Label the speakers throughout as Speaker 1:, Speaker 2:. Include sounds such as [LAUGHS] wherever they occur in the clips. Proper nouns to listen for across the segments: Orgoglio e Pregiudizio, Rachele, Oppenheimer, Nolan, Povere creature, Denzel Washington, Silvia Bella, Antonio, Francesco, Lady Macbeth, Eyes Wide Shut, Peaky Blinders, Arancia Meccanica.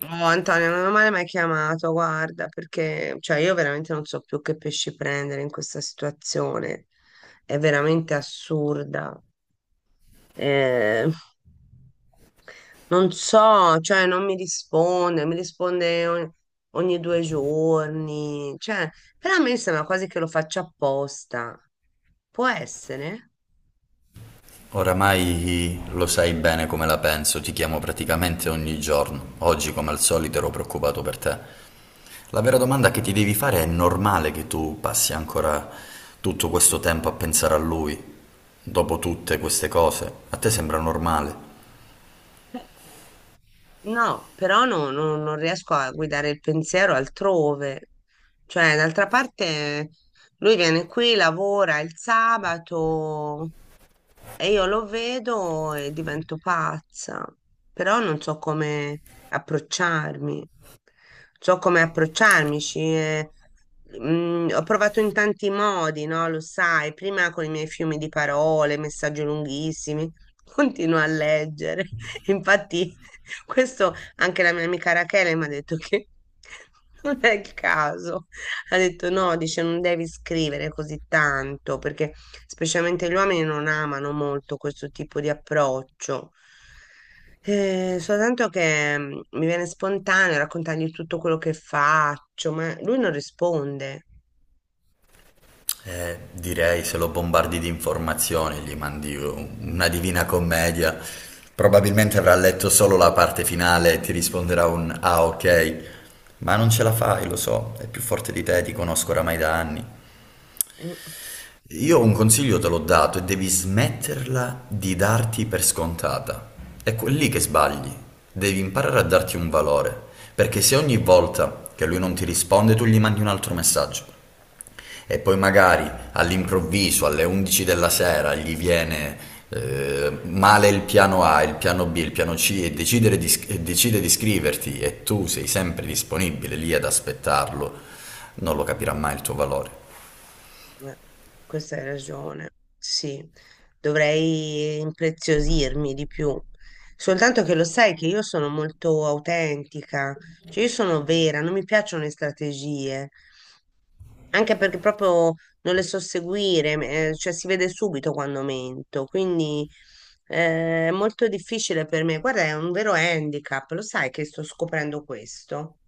Speaker 1: Oh, Antonio, non mi hai mai chiamato, guarda, perché cioè, io veramente non so più che pesci prendere in questa situazione. È veramente assurda. Eh, Non so, cioè, non mi risponde, mi risponde ogni due giorni. Cioè, però a me sembra quasi che lo faccia apposta. Può essere?
Speaker 2: Oramai lo sai bene come la penso, ti chiamo praticamente ogni giorno. Oggi, come al solito, ero preoccupato per te. La vera domanda che ti devi fare è normale che tu passi ancora tutto questo tempo a pensare a lui, dopo tutte queste cose? A te sembra normale?
Speaker 1: No, però non riesco a guidare il pensiero altrove. Cioè, d'altra parte, lui viene qui, lavora il sabato, e io lo vedo e divento pazza, però non so come approcciarmi. So come approcciarmi. Ho provato in tanti modi, no? Lo sai, prima con i miei fiumi di parole, messaggi lunghissimi, [LAUGHS] continuo a leggere. [LAUGHS] Infatti, questo anche la mia amica Rachele mi ha detto che [LAUGHS] non è il caso. Ha detto no, dice non devi scrivere così tanto perché specialmente gli uomini non amano molto questo tipo di approccio. Soltanto che mi viene spontaneo raccontargli tutto quello che faccio, ma lui non risponde.
Speaker 2: Direi se lo bombardi di informazioni, gli mandi una Divina Commedia, probabilmente avrà letto solo la parte finale e ti risponderà un ah ok, ma non ce la fai, lo so, è più forte di te, ti conosco oramai da anni.
Speaker 1: Mm.
Speaker 2: Io un consiglio te l'ho dato e devi smetterla di darti per scontata. È quel lì che sbagli, devi imparare a darti un valore, perché se ogni volta che lui non ti risponde tu gli mandi un altro messaggio e poi magari all'improvviso alle 11 della sera gli viene male il piano A, il piano B, il piano C e, decidere di, e decide di iscriverti e tu sei sempre disponibile lì ad aspettarlo, non lo capirà mai il tuo valore.
Speaker 1: Eh, Questa hai ragione, sì, dovrei impreziosirmi di più. Soltanto che lo sai che io sono molto autentica, cioè io sono vera, non mi piacciono le strategie, anche perché proprio non le so seguire, cioè si vede subito quando mento, quindi è molto difficile per me. Guarda, è un vero handicap, lo sai che sto scoprendo questo.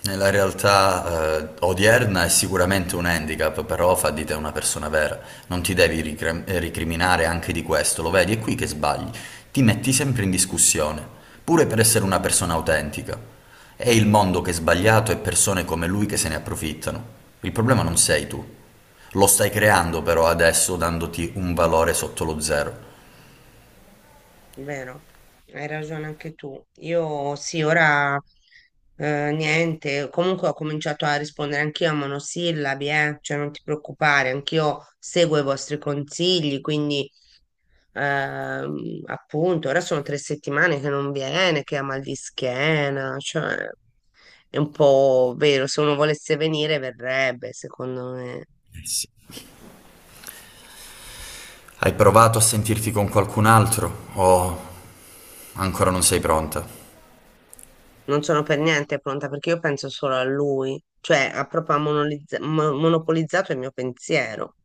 Speaker 2: Nella realtà odierna è sicuramente un handicap, però fa di te una persona vera. Non ti devi ricriminare anche di questo, lo vedi, è qui che sbagli. Ti metti sempre in discussione, pure per essere una persona autentica. È il mondo che è sbagliato e persone come lui che se ne approfittano. Il problema non sei tu. Lo stai creando però adesso dandoti un valore sotto lo zero.
Speaker 1: Vero, hai ragione anche tu. Io sì, ora niente, comunque ho cominciato a rispondere anch'io a monosillabi, cioè non ti preoccupare, anch'io seguo i vostri consigli, quindi appunto, ora sono 3 settimane che non viene, che ha mal di schiena, cioè è un po' vero, se uno volesse venire verrebbe, secondo me.
Speaker 2: Hai provato a sentirti con qualcun altro o ancora non sei pronta?
Speaker 1: Non sono per niente pronta perché io penso solo a lui, cioè ha proprio monopolizzato il mio pensiero.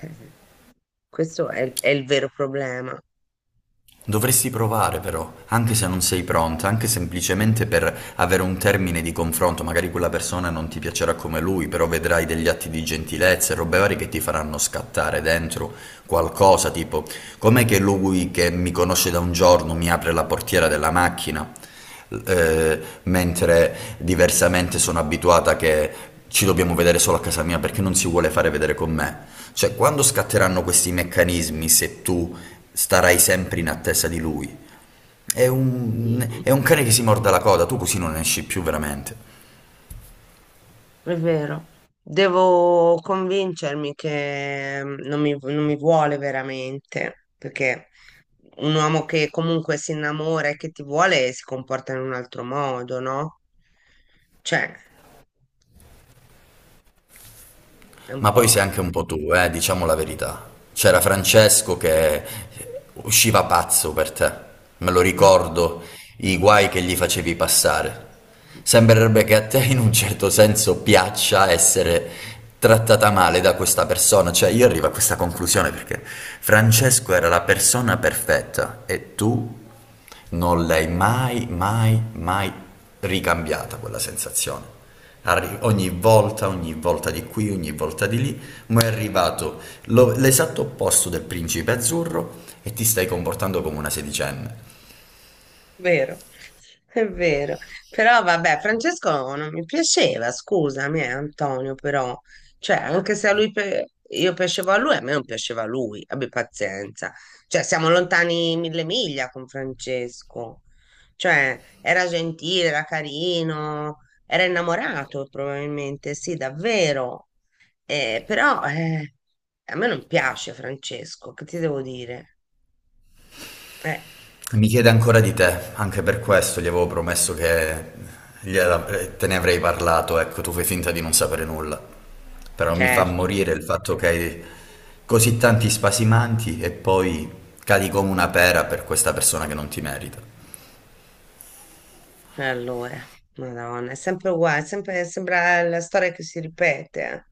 Speaker 1: Eh, Questo è il vero problema.
Speaker 2: Dovresti provare però, anche se non sei pronta, anche semplicemente per avere un termine di confronto, magari quella persona non ti piacerà come lui, però vedrai degli atti di gentilezza e robe varie che ti faranno scattare dentro qualcosa, tipo com'è che lui che mi conosce da un giorno mi apre la portiera della macchina? Mentre diversamente sono abituata che ci dobbiamo vedere solo a casa mia perché non si vuole fare vedere con me. Cioè, quando scatteranno questi meccanismi se tu starai sempre in attesa di lui?
Speaker 1: Mm,
Speaker 2: È un cane che si morde la coda, tu così non esci più veramente.
Speaker 1: è vero. Devo convincermi che non mi vuole veramente, perché un uomo che comunque si innamora e che ti vuole si comporta in un altro modo, no? Cioè, è un
Speaker 2: Ma poi sei
Speaker 1: po'...
Speaker 2: anche un po' tu, diciamo la verità. C'era Francesco che usciva pazzo per te, me lo
Speaker 1: Mm.
Speaker 2: ricordo, i guai che gli facevi passare. Sembrerebbe che a te in un certo senso piaccia essere trattata male da questa persona, cioè io arrivo a questa conclusione perché Francesco era la persona perfetta e tu non l'hai mai, mai, mai ricambiata quella sensazione. Ogni volta, ogni volta di qui, ogni volta di lì, ma è arrivato l'esatto opposto del principe azzurro e ti stai comportando come una sedicenne.
Speaker 1: Vero, è vero. Però vabbè, Francesco non mi piaceva, scusami, Antonio, però, cioè, anche se a io piacevo a lui, a me non piaceva a lui, abbi pazienza. Cioè, siamo lontani 1.000 miglia con Francesco. Cioè, era gentile, era carino, era innamorato probabilmente, sì, davvero. Però a me non piace Francesco, che ti devo dire? Eh,
Speaker 2: Mi chiede ancora di te, anche per questo gli avevo promesso che te ne avrei parlato, ecco, tu fai finta di non sapere nulla. Però mi fa
Speaker 1: certo.
Speaker 2: morire il fatto che hai così tanti spasimanti e poi cadi come una pera per questa persona che non ti merita.
Speaker 1: E allora, Madonna, è sempre uguale, è sempre, sembra la storia che si ripete. Eh.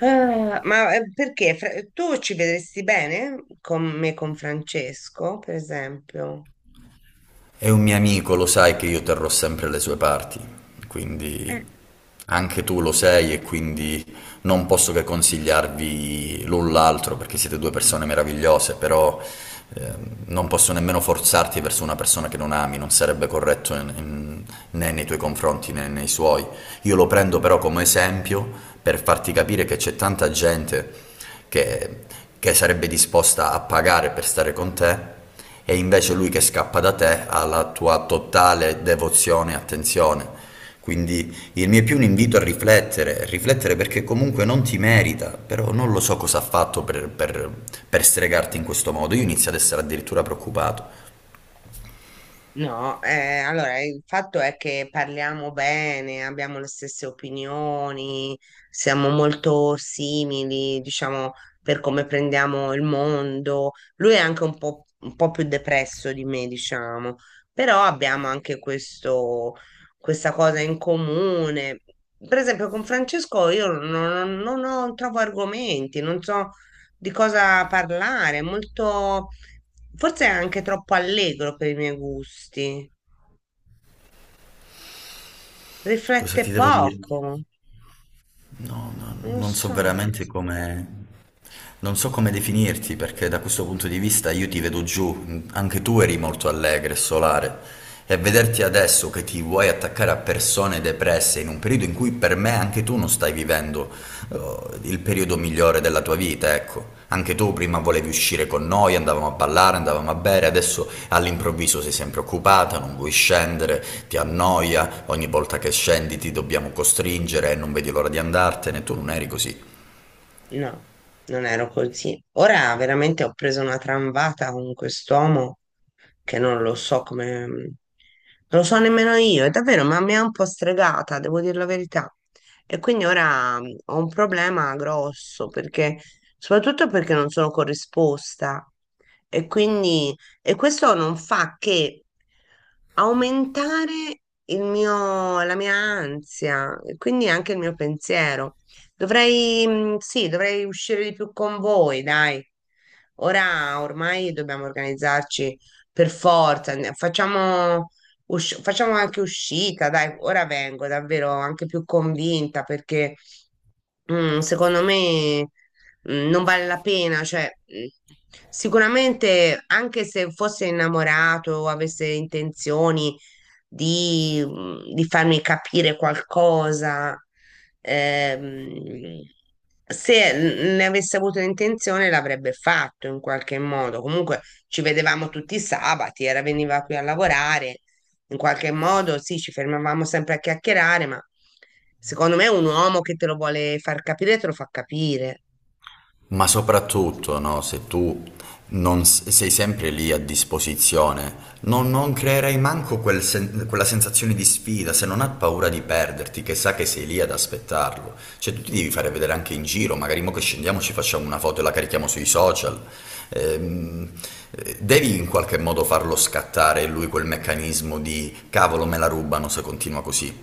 Speaker 1: Ah, ma perché? Tu ci vedresti bene con me, con Francesco, per esempio?
Speaker 2: È un mio amico, lo sai che io terrò sempre le sue parti, quindi anche tu lo sei e quindi non posso che consigliarvi l'un l'altro perché siete due persone meravigliose, però ehm, non posso nemmeno forzarti verso una persona che non ami, non sarebbe corretto né nei tuoi confronti né nei suoi. Io lo prendo però come esempio per farti capire che c'è tanta gente che, che sarebbe disposta a pagare per stare con te è invece lui che scappa da te alla tua totale devozione e attenzione. Quindi il mio è più un invito a riflettere, riflettere perché comunque non ti merita, però non lo so cosa ha fatto per stregarti in questo modo. Io inizio ad essere addirittura preoccupato.
Speaker 1: No, allora il fatto è che parliamo bene, abbiamo le stesse opinioni, siamo molto simili, diciamo, per come prendiamo il mondo. Lui è anche un un po' più depresso di me, diciamo, però abbiamo anche questa cosa in comune. Per esempio, con Francesco io non, non- non ho- trovo argomenti, non so di cosa parlare, molto, forse è anche troppo allegro per i miei gusti,
Speaker 2: Cosa
Speaker 1: riflette
Speaker 2: ti devo dire?
Speaker 1: poco,
Speaker 2: No, no,
Speaker 1: non lo
Speaker 2: non so
Speaker 1: so.
Speaker 2: veramente come... Non so come definirti perché da questo punto di vista io ti vedo giù, anche tu eri molto allegra e solare e vederti adesso che ti vuoi attaccare a persone depresse in un periodo in cui per me anche tu non stai vivendo eh, il periodo migliore della tua vita, ecco. Anche tu prima volevi uscire con noi, andavamo a ballare, andavamo a bere, adesso all'improvviso sei sempre occupata, non vuoi scendere, ti annoia, ogni volta che scendi ti dobbiamo costringere e non vedi l'ora di andartene, tu non eri così.
Speaker 1: No, non ero così. Ora veramente ho preso una tramvata con quest'uomo che non lo so come... Non lo so nemmeno io, è davvero, ma mi ha un po' stregata, devo dire la verità. E quindi ora ho un problema grosso, perché... soprattutto perché non sono corrisposta. E quindi... e questo non fa che aumentare la mia ansia, e quindi anche il mio pensiero. Sì, dovrei uscire di più con voi, dai. Ora ormai dobbiamo organizzarci per forza. Facciamo, facciamo anche uscita, dai. Ora vengo davvero anche più convinta perché secondo me non vale la pena. Cioè, mm, sicuramente anche se fosse innamorato o avesse intenzioni di, di farmi capire qualcosa. Ehm, se ne avesse avuto l'intenzione l'avrebbe fatto in qualche modo. Comunque ci vedevamo tutti i sabati, veniva qui a lavorare. In qualche modo sì, ci fermavamo sempre a chiacchierare, ma secondo me un uomo che te lo vuole far capire, te lo fa capire.
Speaker 2: Ma soprattutto, no, se tu non s- sei sempre lì a disposizione, non creerai manco quel quella sensazione di sfida, se non ha paura di perderti, che sa che sei lì ad aspettarlo. Cioè, tu ti devi fare vedere anche in giro, magari mo che scendiamo ci facciamo una foto e la carichiamo sui social. Ehm, Devi in qualche modo farlo scattare lui quel meccanismo di cavolo, me la rubano se continua così.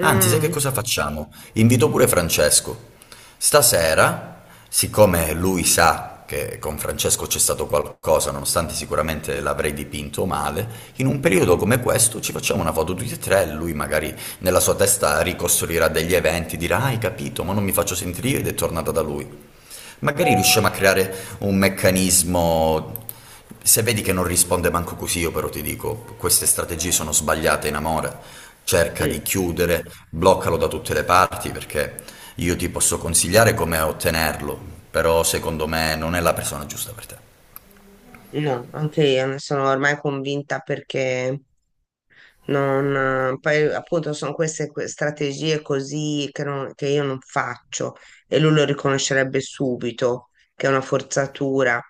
Speaker 2: Anzi, sai che cosa facciamo? Invito pure Francesco. Stasera, siccome lui sa che con Francesco c'è stato qualcosa, nonostante sicuramente l'avrei dipinto male, in un periodo come questo ci facciamo una foto tutti e tre, lui magari nella sua testa ricostruirà degli eventi, dirà, "Ah, hai capito, ma non mi faccio sentire ed è tornata da lui. Magari riusciamo a creare un meccanismo. Se vedi che non risponde manco così, io però ti dico, queste strategie sono sbagliate in amore. Cerca di
Speaker 1: Mm.
Speaker 2: chiudere, bloccalo da tutte le parti perché io ti posso consigliare come ottenerlo, però secondo me non è la persona giusta per te.
Speaker 1: No, anche io ne sono ormai convinta perché Non, poi appunto sono queste strategie così che io non faccio e lui lo riconoscerebbe subito che è una forzatura.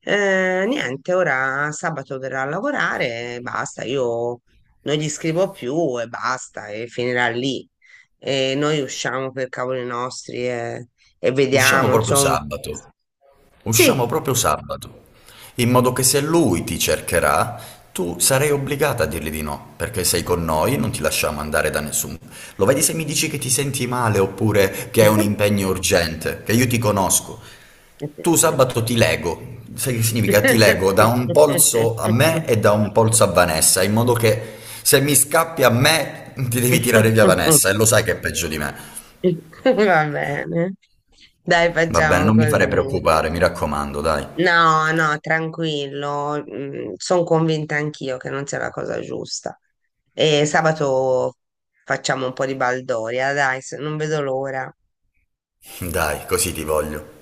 Speaker 1: Niente, ora sabato verrà a lavorare e basta, io non gli scrivo più e basta e finirà lì. E noi usciamo per cavoli nostri e
Speaker 2: Usciamo
Speaker 1: vediamo,
Speaker 2: proprio
Speaker 1: insomma.
Speaker 2: sabato. Usciamo
Speaker 1: Sì.
Speaker 2: proprio sabato, in modo che se lui ti cercherà, tu sarai obbligata a dirgli di no, perché sei con noi, non ti lasciamo andare da nessuno. Lo vedi se mi dici che ti senti male oppure che hai un impegno urgente, che io ti conosco. Tu sabato ti lego, sai che significa? Ti lego da un polso a
Speaker 1: [LAUGHS]
Speaker 2: me e da un polso a Vanessa, in modo che se mi scappi a me ti devi tirare via
Speaker 1: [LAUGHS]
Speaker 2: Vanessa e lo sai che è peggio di me.
Speaker 1: Va bene. Dai,
Speaker 2: Va bene,
Speaker 1: facciamo
Speaker 2: non mi fare
Speaker 1: così.
Speaker 2: preoccupare, mi raccomando, dai.
Speaker 1: No, no, tranquillo. Sono convinta anch'io che non sia la cosa giusta. E sabato facciamo un po' di baldoria, dai, se- non vedo l'ora.
Speaker 2: Dai, così ti voglio.